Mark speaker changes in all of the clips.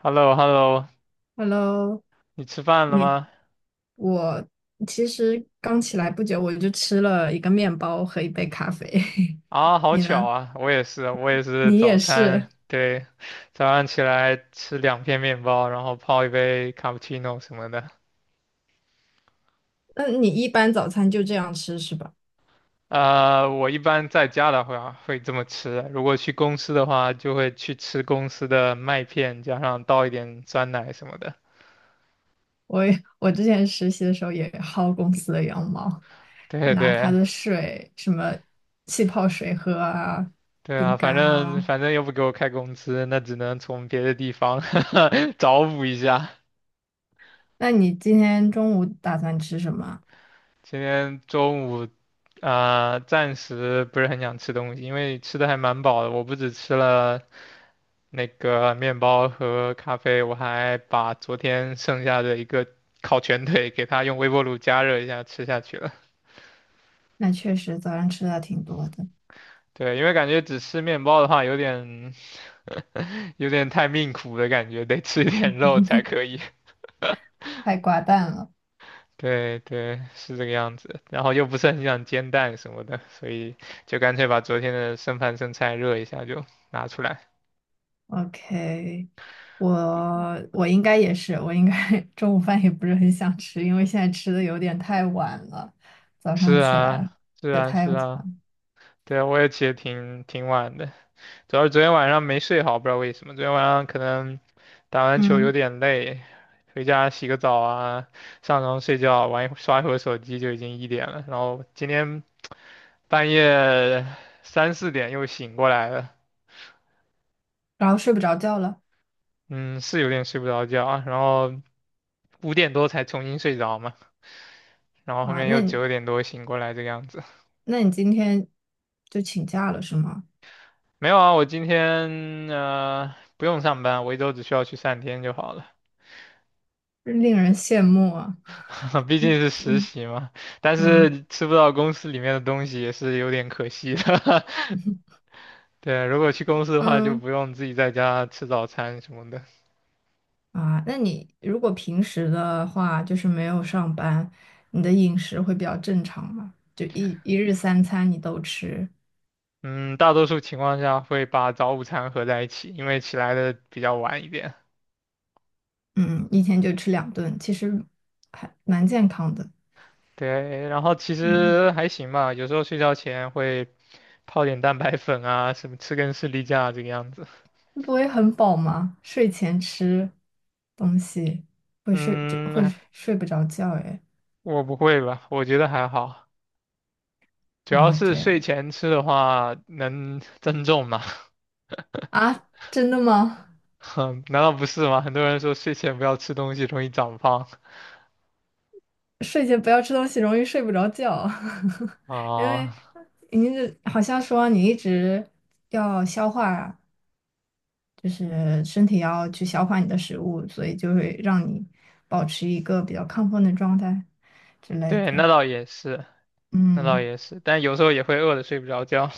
Speaker 1: h e l l o h e l l o
Speaker 2: Hello，
Speaker 1: 你吃饭了
Speaker 2: 你
Speaker 1: 吗？
Speaker 2: 我其实刚起来不久，我就吃了一个面包和一杯咖啡。
Speaker 1: 啊，好
Speaker 2: 你
Speaker 1: 巧
Speaker 2: 呢？
Speaker 1: 啊，我也是
Speaker 2: 你
Speaker 1: 早
Speaker 2: 也
Speaker 1: 餐，
Speaker 2: 是？
Speaker 1: 对，早上起来吃2片面包，然后泡一杯卡布奇诺什么的。
Speaker 2: 那你一般早餐就这样吃是吧？
Speaker 1: 我一般在家的话会这么吃，如果去公司的话，就会去吃公司的麦片，加上倒一点酸奶什么的。
Speaker 2: 我之前实习的时候也薅公司的羊毛，
Speaker 1: 对
Speaker 2: 拿他
Speaker 1: 对
Speaker 2: 的水什么气泡水喝啊，
Speaker 1: 对
Speaker 2: 饼
Speaker 1: 啊，
Speaker 2: 干
Speaker 1: 反正
Speaker 2: 啊。
Speaker 1: 反正又不给我开工资，那只能从别的地方 找补一下。
Speaker 2: 那你今天中午打算吃什么？
Speaker 1: 今天中午，暂时不是很想吃东西，因为吃的还蛮饱的。我不只吃了那个面包和咖啡，我还把昨天剩下的一个烤全腿给它用微波炉加热一下吃下去了。
Speaker 2: 那确实早上吃的挺多的，
Speaker 1: 对，因为感觉只吃面包的话，有点太命苦的感觉，得吃一点肉才可以。
Speaker 2: 太寡淡了。
Speaker 1: 对对，是这个样子。然后又不是很想煎蛋什么的，所以就干脆把昨天的剩饭剩菜热一下就拿出来。
Speaker 2: OK，我我应该也是，我应该 中午饭也不是很想吃，因为现在吃的有点太晚了，早
Speaker 1: 是
Speaker 2: 上起来
Speaker 1: 啊，是
Speaker 2: 也
Speaker 1: 啊，
Speaker 2: 太
Speaker 1: 是啊，
Speaker 2: 晚，
Speaker 1: 对，啊，我也起得挺晚的，主要是昨天晚上没睡好，不知道为什么，昨天晚上可能打完球有
Speaker 2: 嗯，
Speaker 1: 点累，回家洗个澡啊，上床睡觉，玩一会刷一会儿手机就已经一点了，然后今天半夜3、4点又醒过来了，
Speaker 2: 然后睡不着觉了
Speaker 1: 嗯，是有点睡不着觉啊，然后5点多才重新睡着嘛，然后后
Speaker 2: 啊。
Speaker 1: 面
Speaker 2: 那
Speaker 1: 又
Speaker 2: 你
Speaker 1: 9点多醒过来这个样子，
Speaker 2: 那你今天就请假了是吗？
Speaker 1: 没有啊，我今天不用上班，我1周只需要去3天就好了。
Speaker 2: 令人羡慕啊。
Speaker 1: 毕
Speaker 2: 嗯
Speaker 1: 竟是实
Speaker 2: 嗯
Speaker 1: 习嘛，但
Speaker 2: 嗯
Speaker 1: 是吃不到公司里面的东西也是有点可惜的。对，如果去公司的话，就
Speaker 2: 嗯
Speaker 1: 不用自己在家吃早餐什么的。
Speaker 2: 啊，那你如果平时的话，就是没有上班，你的饮食会比较正常吗？就一日三餐你都吃？
Speaker 1: 嗯，大多数情况下会把早午餐合在一起，因为起来的比较晚一点。
Speaker 2: 嗯，一天就吃两顿，其实还蛮健康的。
Speaker 1: 对，然后其
Speaker 2: 嗯，
Speaker 1: 实还行吧，有时候睡觉前会泡点蛋白粉啊，什么吃根士力架这个样子。
Speaker 2: 不会很饱吗？睡前吃东西会睡，这会
Speaker 1: 嗯，
Speaker 2: 睡不着觉哎。
Speaker 1: 我不会吧，我觉得还好，主要
Speaker 2: 啊，
Speaker 1: 是
Speaker 2: 这
Speaker 1: 睡
Speaker 2: 样
Speaker 1: 前吃的话能增重嘛。
Speaker 2: 啊，真的吗？
Speaker 1: 哼，难道不是吗？很多人说睡前不要吃东西，容易长胖。
Speaker 2: 睡前不要吃东西，容易睡不着觉，因为
Speaker 1: 啊、
Speaker 2: 您这好像说你一直要消化啊，就是身体要去消化你的食物，所以就会让你保持一个比较亢奋的状态之类
Speaker 1: 对，那
Speaker 2: 的。
Speaker 1: 倒也是，那倒
Speaker 2: 嗯。
Speaker 1: 也是，但有时候也会饿得睡不着觉。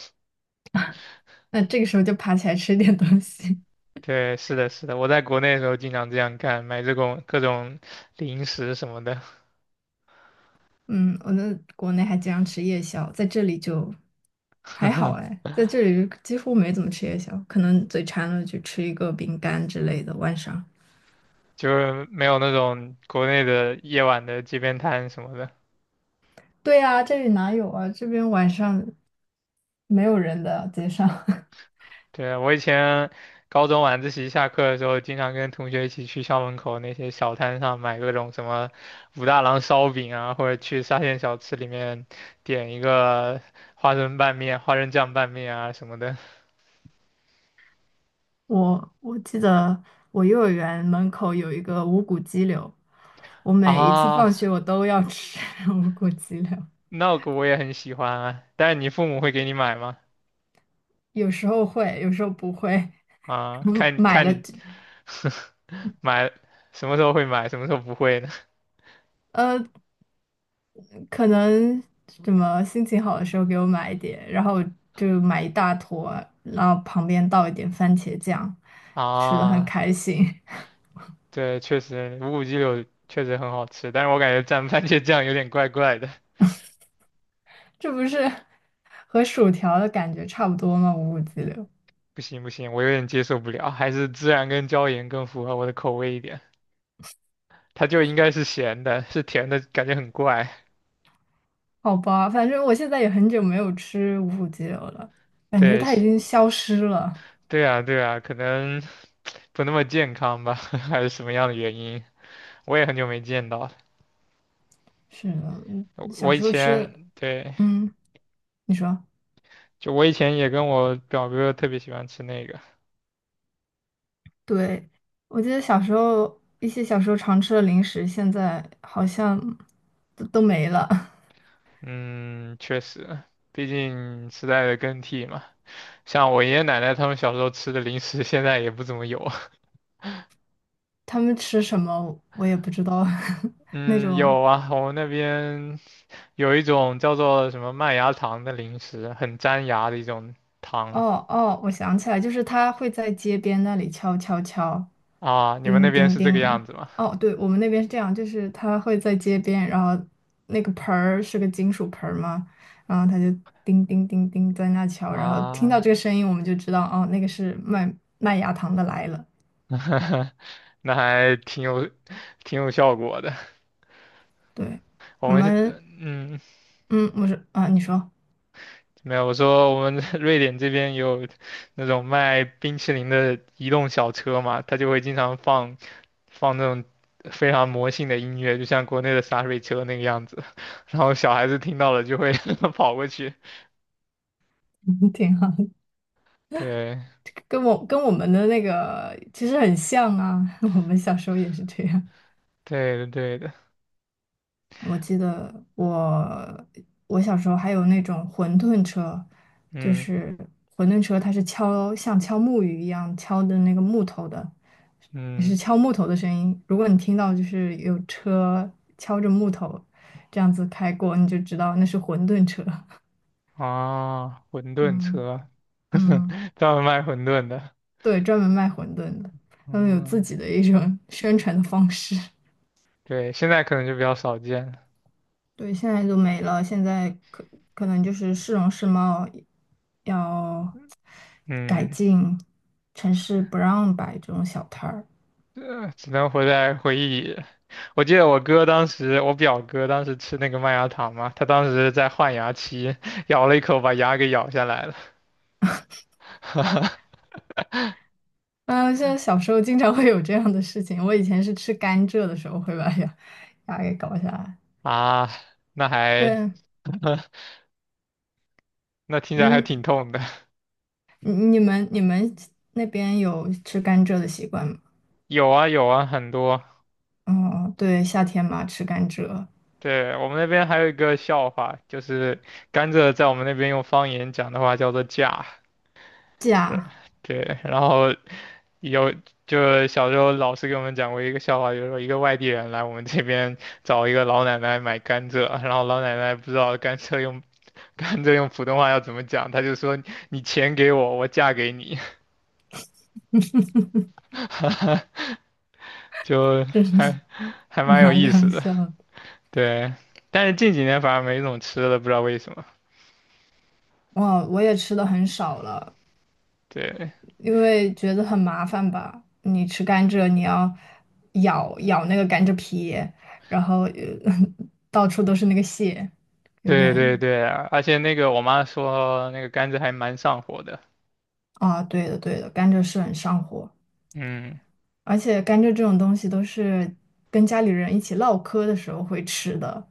Speaker 2: 那这个时候就爬起来吃点东西。
Speaker 1: 对，是的，是的，我在国内的时候经常这样干，买这种各种零食什么的，
Speaker 2: 嗯，我在国内还经常吃夜宵，在这里就还好哎，在这里就几乎没怎么吃夜宵，可能嘴馋了就吃一个饼干之类的。晚上，
Speaker 1: 就是没有那种国内的夜晚的街边摊什么的。
Speaker 2: 对啊，这里哪有啊？这边晚上没有人的街上。
Speaker 1: 对，我以前高中晚自习下课的时候，经常跟同学一起去校门口那些小摊上买各种什么武大郎烧饼啊，或者去沙县小吃里面点一个花生拌面、花生酱拌面啊什么的。
Speaker 2: 我记得我幼儿园门口有一个无骨鸡柳，我每一次
Speaker 1: 啊，
Speaker 2: 放学我都要吃 无骨鸡柳，
Speaker 1: 那个我也很喜欢啊。但是你父母会给你买吗？
Speaker 2: 有时候会，有时候不会，
Speaker 1: 啊，
Speaker 2: 嗯
Speaker 1: 看
Speaker 2: 买
Speaker 1: 看
Speaker 2: 了
Speaker 1: 你
Speaker 2: 就
Speaker 1: 买什么时候会买，什么时候不会呢？
Speaker 2: 呃，可能什么心情好的时候给我买一点，然后就买一大坨，然后旁边倒一点番茄酱，吃的很
Speaker 1: 啊，
Speaker 2: 开心。
Speaker 1: 对，确实无骨鸡柳确实很好吃，但是我感觉蘸番茄酱有点怪怪的。
Speaker 2: 这不是和薯条的感觉差不多吗？五谷鸡柳，
Speaker 1: 不行不行，我有点接受不了，还是孜然跟椒盐更符合我的口味一点。它就应该是咸的，是甜的感觉很怪。
Speaker 2: 好吧，反正我现在也很久没有吃五谷鸡柳了，感觉
Speaker 1: 对，
Speaker 2: 它已经消失了。
Speaker 1: 对啊对啊，可能不那么健康吧，还是什么样的原因？我也很久没见到了。
Speaker 2: 是的，嗯
Speaker 1: 我
Speaker 2: 小
Speaker 1: 我以
Speaker 2: 时候
Speaker 1: 前
Speaker 2: 吃
Speaker 1: 对，
Speaker 2: 嗯，你说，
Speaker 1: 就我以前也跟我表哥特别喜欢吃那个。
Speaker 2: 对。我记得小时候一些小时候常吃的零食，现在好像都没了。
Speaker 1: 嗯，确实，毕竟时代的更替嘛，像我爷爷奶奶他们小时候吃的零食，现在也不怎么有。
Speaker 2: 他们吃什么我也不知道，那
Speaker 1: 嗯，
Speaker 2: 种
Speaker 1: 有啊，我们那边有一种叫做什么麦芽糖的零食，很粘牙的一种糖
Speaker 2: 哦哦，我想起来，就是他会在街边那里敲敲敲，
Speaker 1: 啊。你们那
Speaker 2: 叮
Speaker 1: 边
Speaker 2: 叮
Speaker 1: 是这个
Speaker 2: 叮。
Speaker 1: 样子吗？
Speaker 2: 哦，对，我们那边是这样，就是他会在街边，然后那个盆儿是个金属盆儿嘛，然后他就叮叮叮叮在那敲，然后听到
Speaker 1: 啊，
Speaker 2: 这个声音我们就知道，哦，那个是卖麦芽糖的来了。
Speaker 1: 那还挺有效果的。
Speaker 2: 对，
Speaker 1: 我
Speaker 2: 我
Speaker 1: 们是，
Speaker 2: 们，
Speaker 1: 嗯，
Speaker 2: 嗯，我说啊，你说，
Speaker 1: 没有，我说我们 瑞典这边有那种卖冰淇淋的移动小车嘛，他就会经常放那种非常魔性的音乐，就像国内的洒水车那个样子，然后小孩子听到了就会 跑过去。
Speaker 2: 挺好。
Speaker 1: 对，
Speaker 2: 跟我们的那个其实很像啊，我们小时候也是这样。
Speaker 1: 对的，对的，
Speaker 2: 我记得我小时候还有那种馄饨车，就
Speaker 1: 嗯
Speaker 2: 是馄饨车，它是敲像敲木鱼一样敲的那个木头的，你
Speaker 1: 嗯，
Speaker 2: 是敲木头的声音。如果你听到就是有车敲着木头这样子开过，你就知道那是馄饨车。
Speaker 1: 啊，馄饨
Speaker 2: 嗯
Speaker 1: 车，
Speaker 2: 嗯，
Speaker 1: 专门卖馄饨的，
Speaker 2: 对，专门卖馄饨的，他们有自
Speaker 1: 嗯，
Speaker 2: 己的一种宣传的方式。
Speaker 1: 对，现在可能就比较少见
Speaker 2: 对，现在都没了，现在可能就是市容市貌要改
Speaker 1: 嗯。
Speaker 2: 进，城市不让摆这种小摊儿。
Speaker 1: 只能活在回忆里。我表哥当时吃那个麦芽糖嘛，他当时在换牙期，咬了一口把牙给咬下来了。
Speaker 2: 啊，现在小时候经常会有这样的事情，我以前是吃甘蔗的时候会把牙给搞下来。
Speaker 1: 啊，那还
Speaker 2: 对，
Speaker 1: 那听起来还
Speaker 2: 嗯，
Speaker 1: 挺
Speaker 2: 你
Speaker 1: 痛的。
Speaker 2: 你们你们那边有吃甘蔗的习惯吗？
Speaker 1: 有啊有啊，很多。
Speaker 2: 哦，对，夏天嘛，吃甘蔗，
Speaker 1: 对，我们那边还有一个笑话，就是甘蔗在我们那边用方言讲的话叫做"架"，是吧
Speaker 2: 假，
Speaker 1: 对，然后有，就小时候老师给我们讲过一个笑话，就是说一个外地人来我们这边找一个老奶奶买甘蔗，然后老奶奶不知道甘蔗用 甘蔗用普通话要怎么讲，她就说你钱给我，我嫁给你，就
Speaker 2: 真是
Speaker 1: 还还蛮有
Speaker 2: 蛮
Speaker 1: 意思
Speaker 2: 搞
Speaker 1: 的。
Speaker 2: 笑的。
Speaker 1: 对，但是近几年反而没怎么吃了，不知道为什么。
Speaker 2: 哇，我也吃的很少了，
Speaker 1: 对，
Speaker 2: 因为觉得很麻烦吧。你吃甘蔗，你要咬咬那个甘蔗皮，然后到处都是那个屑，有
Speaker 1: 对对
Speaker 2: 点
Speaker 1: 对啊，而且那个我妈说那个甘蔗还蛮上火的。
Speaker 2: 啊，对的对的，甘蔗是很上火，
Speaker 1: 嗯
Speaker 2: 而且甘蔗这种东西都是跟家里人一起唠嗑的时候会吃的。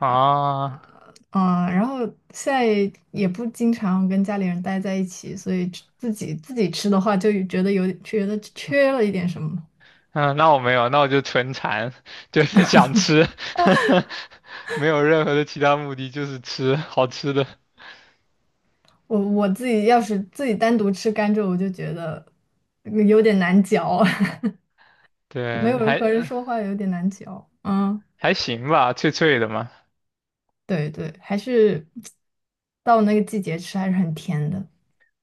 Speaker 1: 啊。
Speaker 2: 嗯，然后现在也不经常跟家里人待在一起，所以自己吃的话，就觉得有觉得缺了一点什么。
Speaker 1: 嗯，那我没有，那我就纯馋，就是想吃，没有任何的其他目的，就是吃好吃的。
Speaker 2: 我自己要是自己单独吃甘蔗，我就觉得有点难嚼，没
Speaker 1: 对，
Speaker 2: 有人
Speaker 1: 还
Speaker 2: 和人说话有点难嚼。嗯，
Speaker 1: 还行吧，脆脆的嘛。
Speaker 2: 对对，还是到那个季节吃还是很甜的。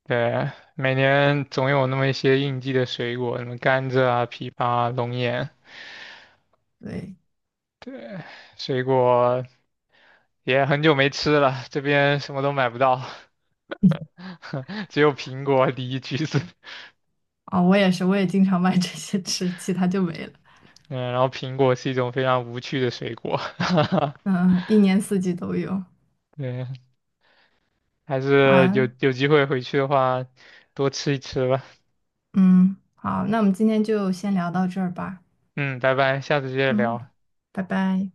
Speaker 1: 对，每年总有那么一些应季的水果，什么甘蔗啊、枇杷啊、龙眼，
Speaker 2: 对，
Speaker 1: 水果也很久没吃了，这边什么都买不到，只有苹果、梨、橘子。
Speaker 2: 啊、我也是，我也经常买 这些吃，其他就没了。
Speaker 1: 嗯，然后苹果是一种非常无趣的水果。
Speaker 2: 嗯，一年四季都有
Speaker 1: 对，还是有
Speaker 2: 啊。
Speaker 1: 有机会回去的话，多吃一吃吧。
Speaker 2: 嗯，好，那我们今天就先聊到这儿吧。
Speaker 1: 嗯，拜拜，下次接着
Speaker 2: 嗯，
Speaker 1: 聊。
Speaker 2: 拜拜。